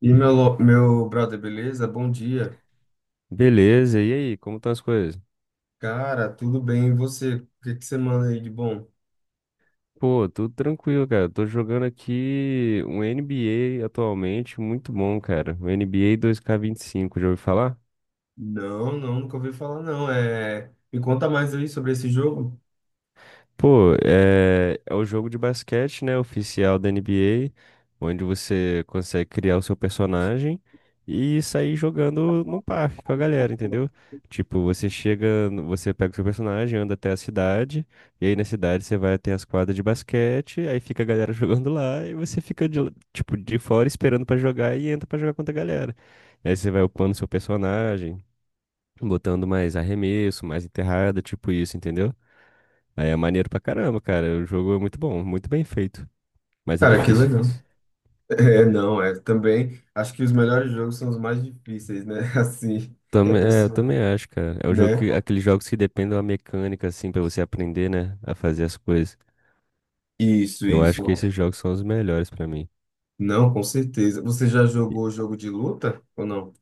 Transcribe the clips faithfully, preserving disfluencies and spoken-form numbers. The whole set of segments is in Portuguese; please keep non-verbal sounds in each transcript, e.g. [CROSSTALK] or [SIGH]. E meu, lo- meu brother, beleza? Bom dia. Beleza, e aí, como estão as coisas? Cara, tudo bem? E você? O que que você manda aí de bom? Pô, tudo tranquilo, cara. Tô jogando aqui um N B A atualmente, muito bom, cara. O N B A dois K vinte e cinco, já ouviu falar? Não, não, nunca ouvi falar, não. É... Me conta mais aí sobre esse jogo. Pô, é, é o jogo de basquete, né, oficial da N B A, onde você consegue criar o seu personagem e sair jogando no parque com a galera, entendeu? Tipo, você chega, no- você pega o seu personagem, anda até a cidade, e aí na cidade você vai até as quadras de basquete, aí fica a galera [LAUGHS] jogando lá, e você fica de, tipo, de fora esperando pra jogar e entra pra jogar contra a galera. Aí você vai upando seu personagem, botando mais arremesso, mais enterrada, tipo isso, entendeu? Aí é maneiro pra caramba, cara. O jogo é muito bom, muito bem feito, mas é Cara, que difícil. legal. [LAUGHS] É, não, é também. Acho que os melhores jogos são os mais difíceis, né? [LAUGHS] Assim, que a Também, é, eu pessoa, também acho, cara. É um jogo né? que, aqueles jogos que dependem da mecânica, assim, pra você aprender, né, a fazer as coisas. Isso, Eu acho que isso. esses jogos são os melhores pra mim. Não, com certeza. Você já E- jogou jogo de luta ou não?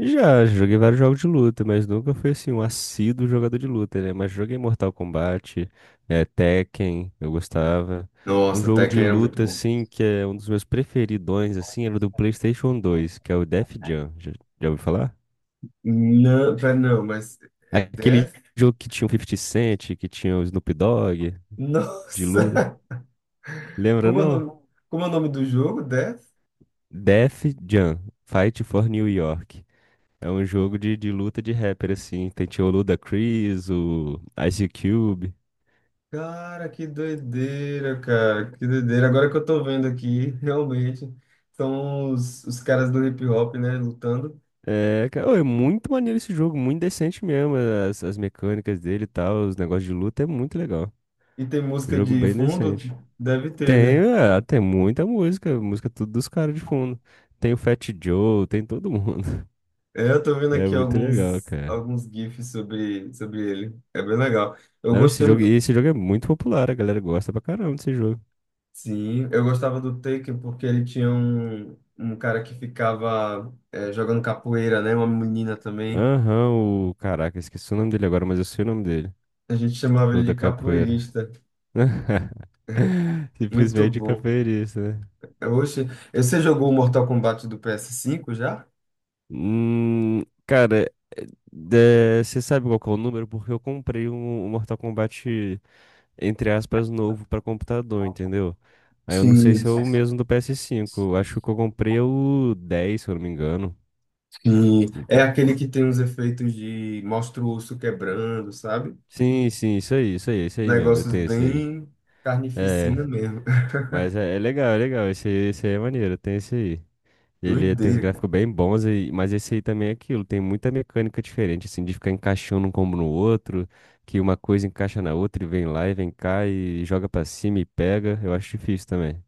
Já, já joguei vários jogos de luta, mas nunca fui, assim, um assíduo jogador de luta, né? Mas joguei Mortal Kombat, é, Tekken, eu gostava. Um Nossa, jogo de Tekken era muito luta, bom. assim, que é um dos meus preferidões, assim, era o do PlayStation dois, que é o Def Jam. Já, já ouviu falar? Não, pera, não, mas é Aquele Death? jogo que tinha o Fifty Cent, que tinha o Snoop Dogg, [LAUGHS] de Nossa! luta, lembra, Como é o não? nome, como é o nome do jogo? Death? Def Jam, Fight for New York. É um jogo de, de luta de rapper, assim. Tem tinha o Ludacris, o Ice Cube. Cara, que doideira, cara. Que doideira. Agora que eu tô vendo aqui, realmente, são os, os caras do hip hop, né, lutando. É, cara, ô, é muito maneiro esse jogo, muito decente mesmo. As, as mecânicas dele e tal, os negócios de luta é muito legal. E tem música Jogo de bem fundo? decente. Deve ter, né? Tem, é, tem muita música, música tudo dos caras de fundo. Tem o Fat Joe, tem todo mundo. [LAUGHS] É, eu tô vendo É aqui muito legal, alguns, cara. alguns GIFs sobre, sobre ele. É bem legal. Eu Não, esse gostei. jogo, mu- esse jogo é muito popular, a galera gosta pra caramba desse jogo. Sim, eu gostava do Taken porque ele tinha um, um cara que ficava é, jogando capoeira, né? Uma menina também. Aham, o. Caraca, esqueci o nome dele agora, mas eu sei o nome dele. A gente chamava O ele da de capoeira. capoeirista. [LAUGHS] Muito Simplesmente bom. capoeirista, né? Oxe, você jogou o Mortal Kombat do ps cinco já? Hum, cara, é, é, você sabe qual que é o número? Porque eu comprei um, um Mortal Kombat, entre aspas, novo pra computador, entendeu? Aí eu não sei Sim, se é o mesmo do P S cinco. Eu acho que eu comprei é o dez, se eu não me engano. sim. É De- aquele que tem uns efeitos de mostra o osso quebrando, sabe? Sim, sim, isso aí, isso aí, isso aí mesmo. Eu Negócios tenho esse aí. bem É, carnificina mesmo. [LAUGHS] mas é, é legal, é legal. Esse aí, esse aí é maneiro, tem esse aí. Ele tem uns Doideira, cara. gráficos bem bons, e- mas esse aí também é aquilo. Tem muita mecânica diferente, assim, de ficar encaixando um combo no outro, que uma coisa encaixa na outra e vem lá e vem cá e joga pra cima e pega. Eu acho difícil também.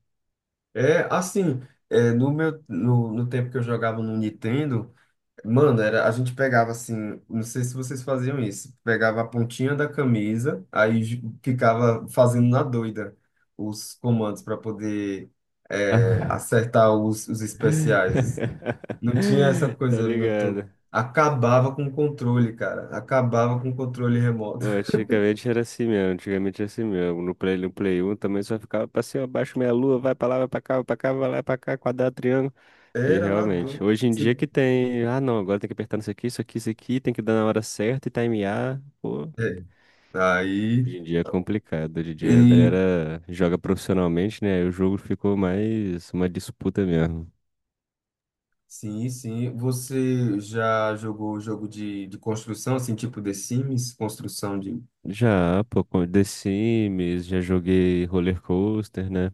É assim, é, no meu no, no tempo que eu jogava no Nintendo. Mano, era, a gente pegava assim, não sei se vocês faziam isso, pegava a pontinha da camisa, aí j- ficava fazendo na doida os comandos para poder é, [LAUGHS] acertar os, os especiais. Não tinha essa Tá coisa muito. ligado? Acabava com o controle, cara. Acabava com o controle remoto. Bom, antigamente era assim mesmo, antigamente era assim mesmo. No Play, no Play um também só ficava pra cima, abaixo, meia lua, vai pra lá, vai pra cá, vai pra cá, vai lá, pra cá, quadrado, triângulo. [LAUGHS] E Era na realmente, doida. hoje em Se- dia que tem, ah não, agora tem que apertar isso aqui, isso aqui, isso aqui, tem que dar na hora certa e timear. Pô, é, Aí, hoje em dia é complicado. Hoje em dia a e galera joga profissionalmente, né? Aí o jogo ficou mais uma disputa mesmo. Sim, sim. Você já jogou jogo de, de construção, assim, tipo The Sims, construção de Já, pô, com The Sims, já joguei Roller Coaster, né?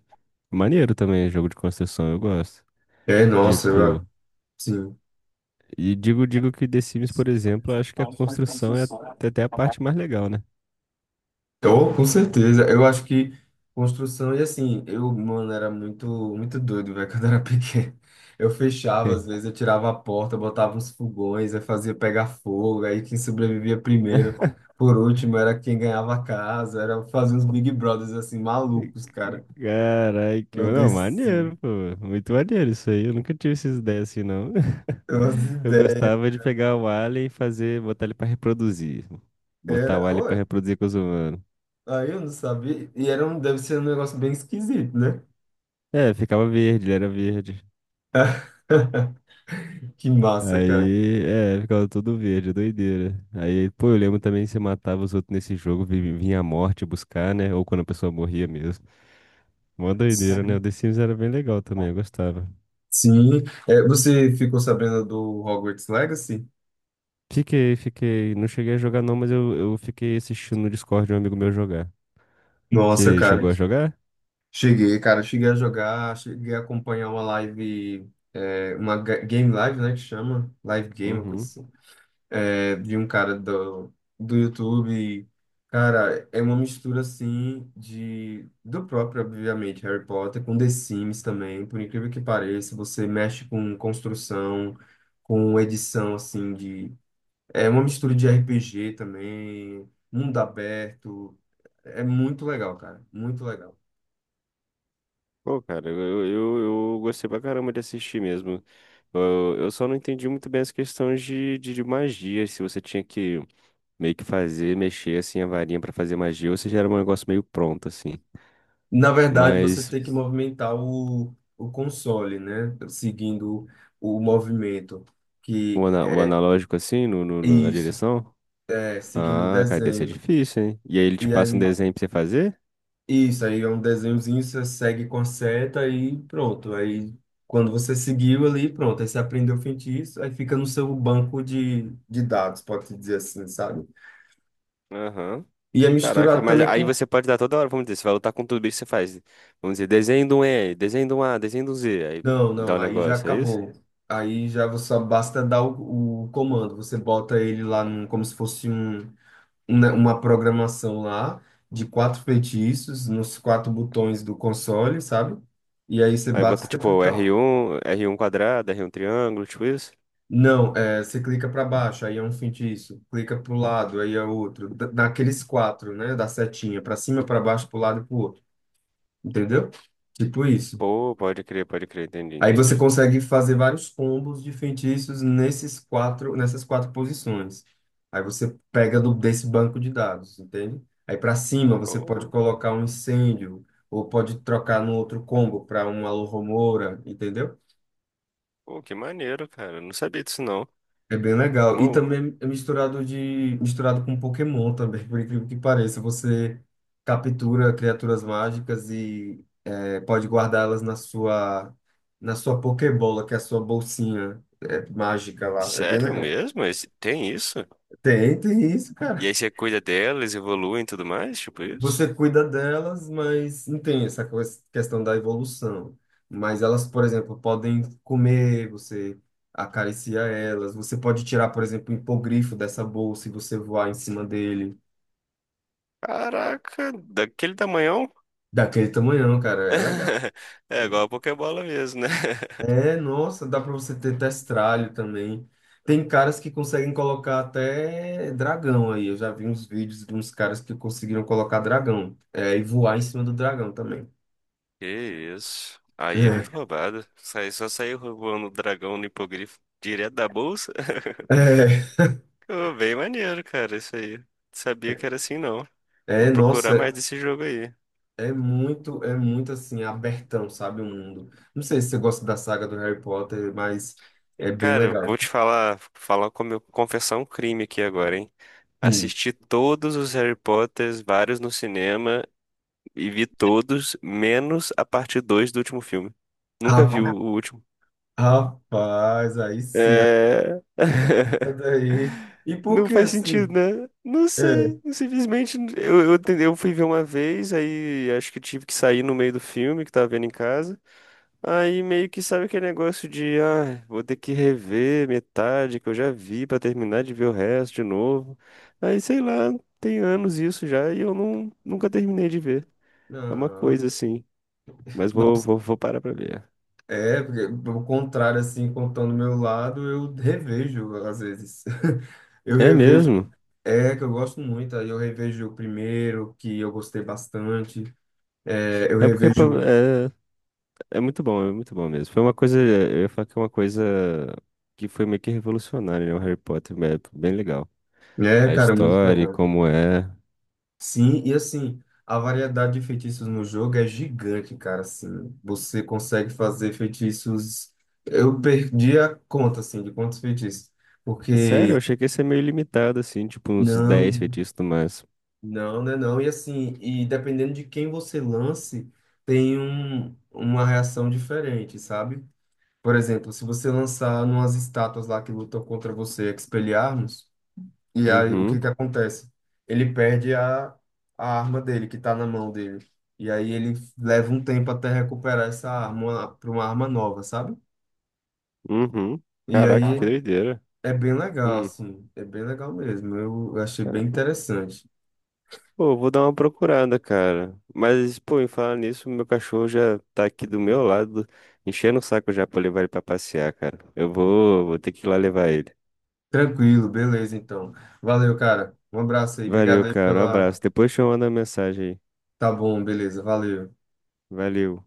Maneiro também, jogo de construção, eu gosto. É, nossa, Tipo, eu, sim. e digo, digo que The Sims, por exemplo, eu acho que a construção é até até a parte mais legal, né? Oh, com certeza. Eu acho que construção, e assim, eu, mano, era muito, muito doido, velho, [LAUGHS] quando eu era pequeno. Eu fechava, às [LAUGHS] vezes, eu tirava a porta, botava uns fogões, aí fazia pegar fogo, aí quem sobrevivia primeiro, por último, era quem ganhava a casa, era fazer uns Big Brothers, assim, malucos, cara. Carai, que Eu não, desci. maneiro, pô. Muito maneiro isso aí. Eu nunca tive essas ideias assim, não. Umas [LAUGHS] Eu ideias. gostava de pegar o alien e fazer, botar ele pra reproduzir. Botar o Era, alien pra olha, reproduzir com os humanos. aí eu não sabia, e era um, deve ser um negócio bem esquisito, né? É, ficava verde, ele era verde. [LAUGHS] Que massa, cara. Aí, é, ficava todo verde, doideira. Aí, pô, eu lembro também que você matava os outros nesse jogo, vi- vinha a morte buscar, né? Ou quando a pessoa morria mesmo. Mó doideira, né? O Sim. The Sims era bem legal também, eu gostava. Sim. É, você ficou sabendo do Hogwarts Legacy? Fiquei, fiquei. Não cheguei a jogar não, mas eu, eu fiquei assistindo no Discord de um amigo meu jogar. Nossa, Você cara. chegou a jogar? Cheguei, cara. Cheguei a jogar, cheguei a acompanhar uma live, é, uma ga- game live, né, que chama? Live game, uma coisa Uhum. assim. É, de um cara do, do YouTube. Cara, é uma mistura assim de do próprio, obviamente, Harry Potter com The Sims também, por incrível que pareça, você mexe com construção, com edição assim de é uma mistura de R P G também, mundo aberto, é muito legal, cara, muito legal. Pô, cara, eu, eu, eu eu gostei pra caramba de assistir mesmo. Eu, eu só não entendi muito bem as questões de, de, de magia, se você tinha que meio que fazer, mexer assim a varinha pra fazer magia, ou se já era um negócio meio pronto, assim. Na verdade, você Mas tem que movimentar o, o console, né? Seguindo o movimento o, que ana- o é analógico, assim, no, no- no- na isso. direção? É, seguindo o Ah, cara, deve ser desenho. difícil, hein? E aí ele te E passa um aí, desenho pra você fazer? isso, aí é um desenhozinho, você segue com a seta e pronto. Aí, quando você seguiu ali, pronto, aí você aprendeu o feitiço, aí fica no seu banco de, de dados, pode-se dizer assim, sabe? Aham. E é Caraca, misturado mas também aí com... você pode dar toda hora, vamos dizer, você vai lutar com tudo bicho, você faz, vamos dizer, desenho de um E, desenho de um A, desenho de um Z, aí Não, dá não, um aí já negócio, é isso? acabou. Aí já você só basta dar o, o comando, você bota ele lá num- como se fosse um, uma uma programação lá de quatro feitiços nos quatro botões do console, sabe? E aí você Aí bate, bota você tipo clica, r um, r um quadrado, r um triângulo, tipo isso? não, é, você clica para baixo, aí é um feitiço. Clica para o lado, aí é outro. Da- Daqueles quatro, né? Da setinha, para cima, para baixo, para o lado e para o outro. Entendeu? Tipo isso. Pô, pode crer, pode crer, entendi, Aí você entendi. consegue fazer vários combos de feitiços nesses quatro, nessas quatro posições. Aí você pega do- desse banco de dados, entende? Aí para cima você pode Pô, colocar um incêndio, ou pode trocar no outro combo para uma locomotora, entendeu? pô, que maneiro, cara, eu não sabia disso não. É bem legal. E Bom, também é misturado de misturado com Pokémon também, por incrível que pareça. Você captura criaturas mágicas e é, pode guardá-las na sua na sua Pokébola, que é a sua bolsinha é, mágica lá. É bem sério legal. mesmo? Esse- Tem isso? Tem, tem isso, E cara. aí você cuida delas, evoluem e tudo mais, tipo isso? Você cuida delas, mas não tem essa co- questão da evolução. Mas elas, por exemplo, podem comer, você acaricia elas. Você pode tirar, por exemplo, o hipogrifo dessa bolsa e você voar em cima dele. Caraca, daquele tamanhão? Daquele tamanhão, cara, é legal. [LAUGHS] É igual a Pokébola mesmo, né? [LAUGHS] É, nossa, dá pra você ter testralho também. Tem caras que conseguem colocar até dragão aí. Eu já vi uns vídeos de uns caras que conseguiram colocar dragão, é, e voar em cima do dragão também. Que isso. Aí é muito roubado. Sai- Só saiu roubando o dragão no hipogrifo direto da bolsa. [LAUGHS] É, [LAUGHS] Ô, bem maneiro, cara, isso aí. Não é, sabia que era assim, não. Vou é, procurar mais nossa, desse jogo aí. é muito, é muito assim, abertão, sabe, o mundo. Não sei se você gosta da saga do Harry Potter, mas E, é bem cara, legal. vou te falar, falar como eu confessar um crime aqui agora, hein? Sim. Assisti todos os Harry Potters, vários no cinema, e vi todos, menos a parte dois do último filme. Nunca vi o Ra- o último. Rapaz, aí sim, É. [LAUGHS] aí. E por Não que faz sentido, assim? né? Não É, sei. Simplesmente eu, eu, te- eu fui ver uma vez, aí acho que tive que sair no meio do filme que tava vendo em casa. Aí meio que sabe aquele negócio de, ah, vou ter que rever metade que eu já vi pra terminar de ver o resto de novo. Aí sei lá, tem anos isso já e eu não, nunca terminei de ver. É uma não coisa assim. Mas vou, nossa, vou, vou parar pra ver. é, porque, pelo contrário, assim, contando o meu lado, eu revejo, às vezes. [LAUGHS] Eu É revejo, mesmo? é, que eu gosto muito, aí eu revejo o primeiro, que eu gostei bastante, é, eu É porque revejo, é muito bom, é muito bom mesmo. Foi uma coisa, eu ia falar que é uma coisa que foi meio que revolucionária, né? O Harry Potter, é bem legal. é, A cara, muito história, e legal. como é. Sim, e assim, a variedade de feitiços no jogo é gigante, cara, assim, você consegue fazer feitiços, eu perdi a conta, assim, de quantos feitiços, Sério, eu porque... achei que ia ser meio limitado, assim, tipo uns dez Não. feitiços no máximo. Não, né, não. E assim, e dependendo de quem você lance, tem um, uma reação diferente, sabe? Por exemplo, se você lançar umas estátuas lá que lutam contra você, Expelliarmus, e aí o que Uhum, que acontece? Ele perde a, a arma dele, que tá na mão dele. E aí ele leva um tempo até recuperar essa arma para uma arma nova, sabe? uhum. E Caraca, aí que doideira. é bem legal, Hum. assim, é bem legal mesmo. Eu achei bem Ah, interessante. pô, vou dar uma procurada, cara. Mas, pô, em falar nisso, meu cachorro já tá aqui do meu lado, enchendo o saco já pra eu levar ele pra passear, cara. Eu vou, vou ter que ir lá levar ele. Tranquilo, beleza, então. Valeu, cara. Um abraço aí. Valeu, Obrigado aí cara. Um abraço. pela. Depois te manda mensagem aí. Tá bom, beleza. Valeu. Valeu.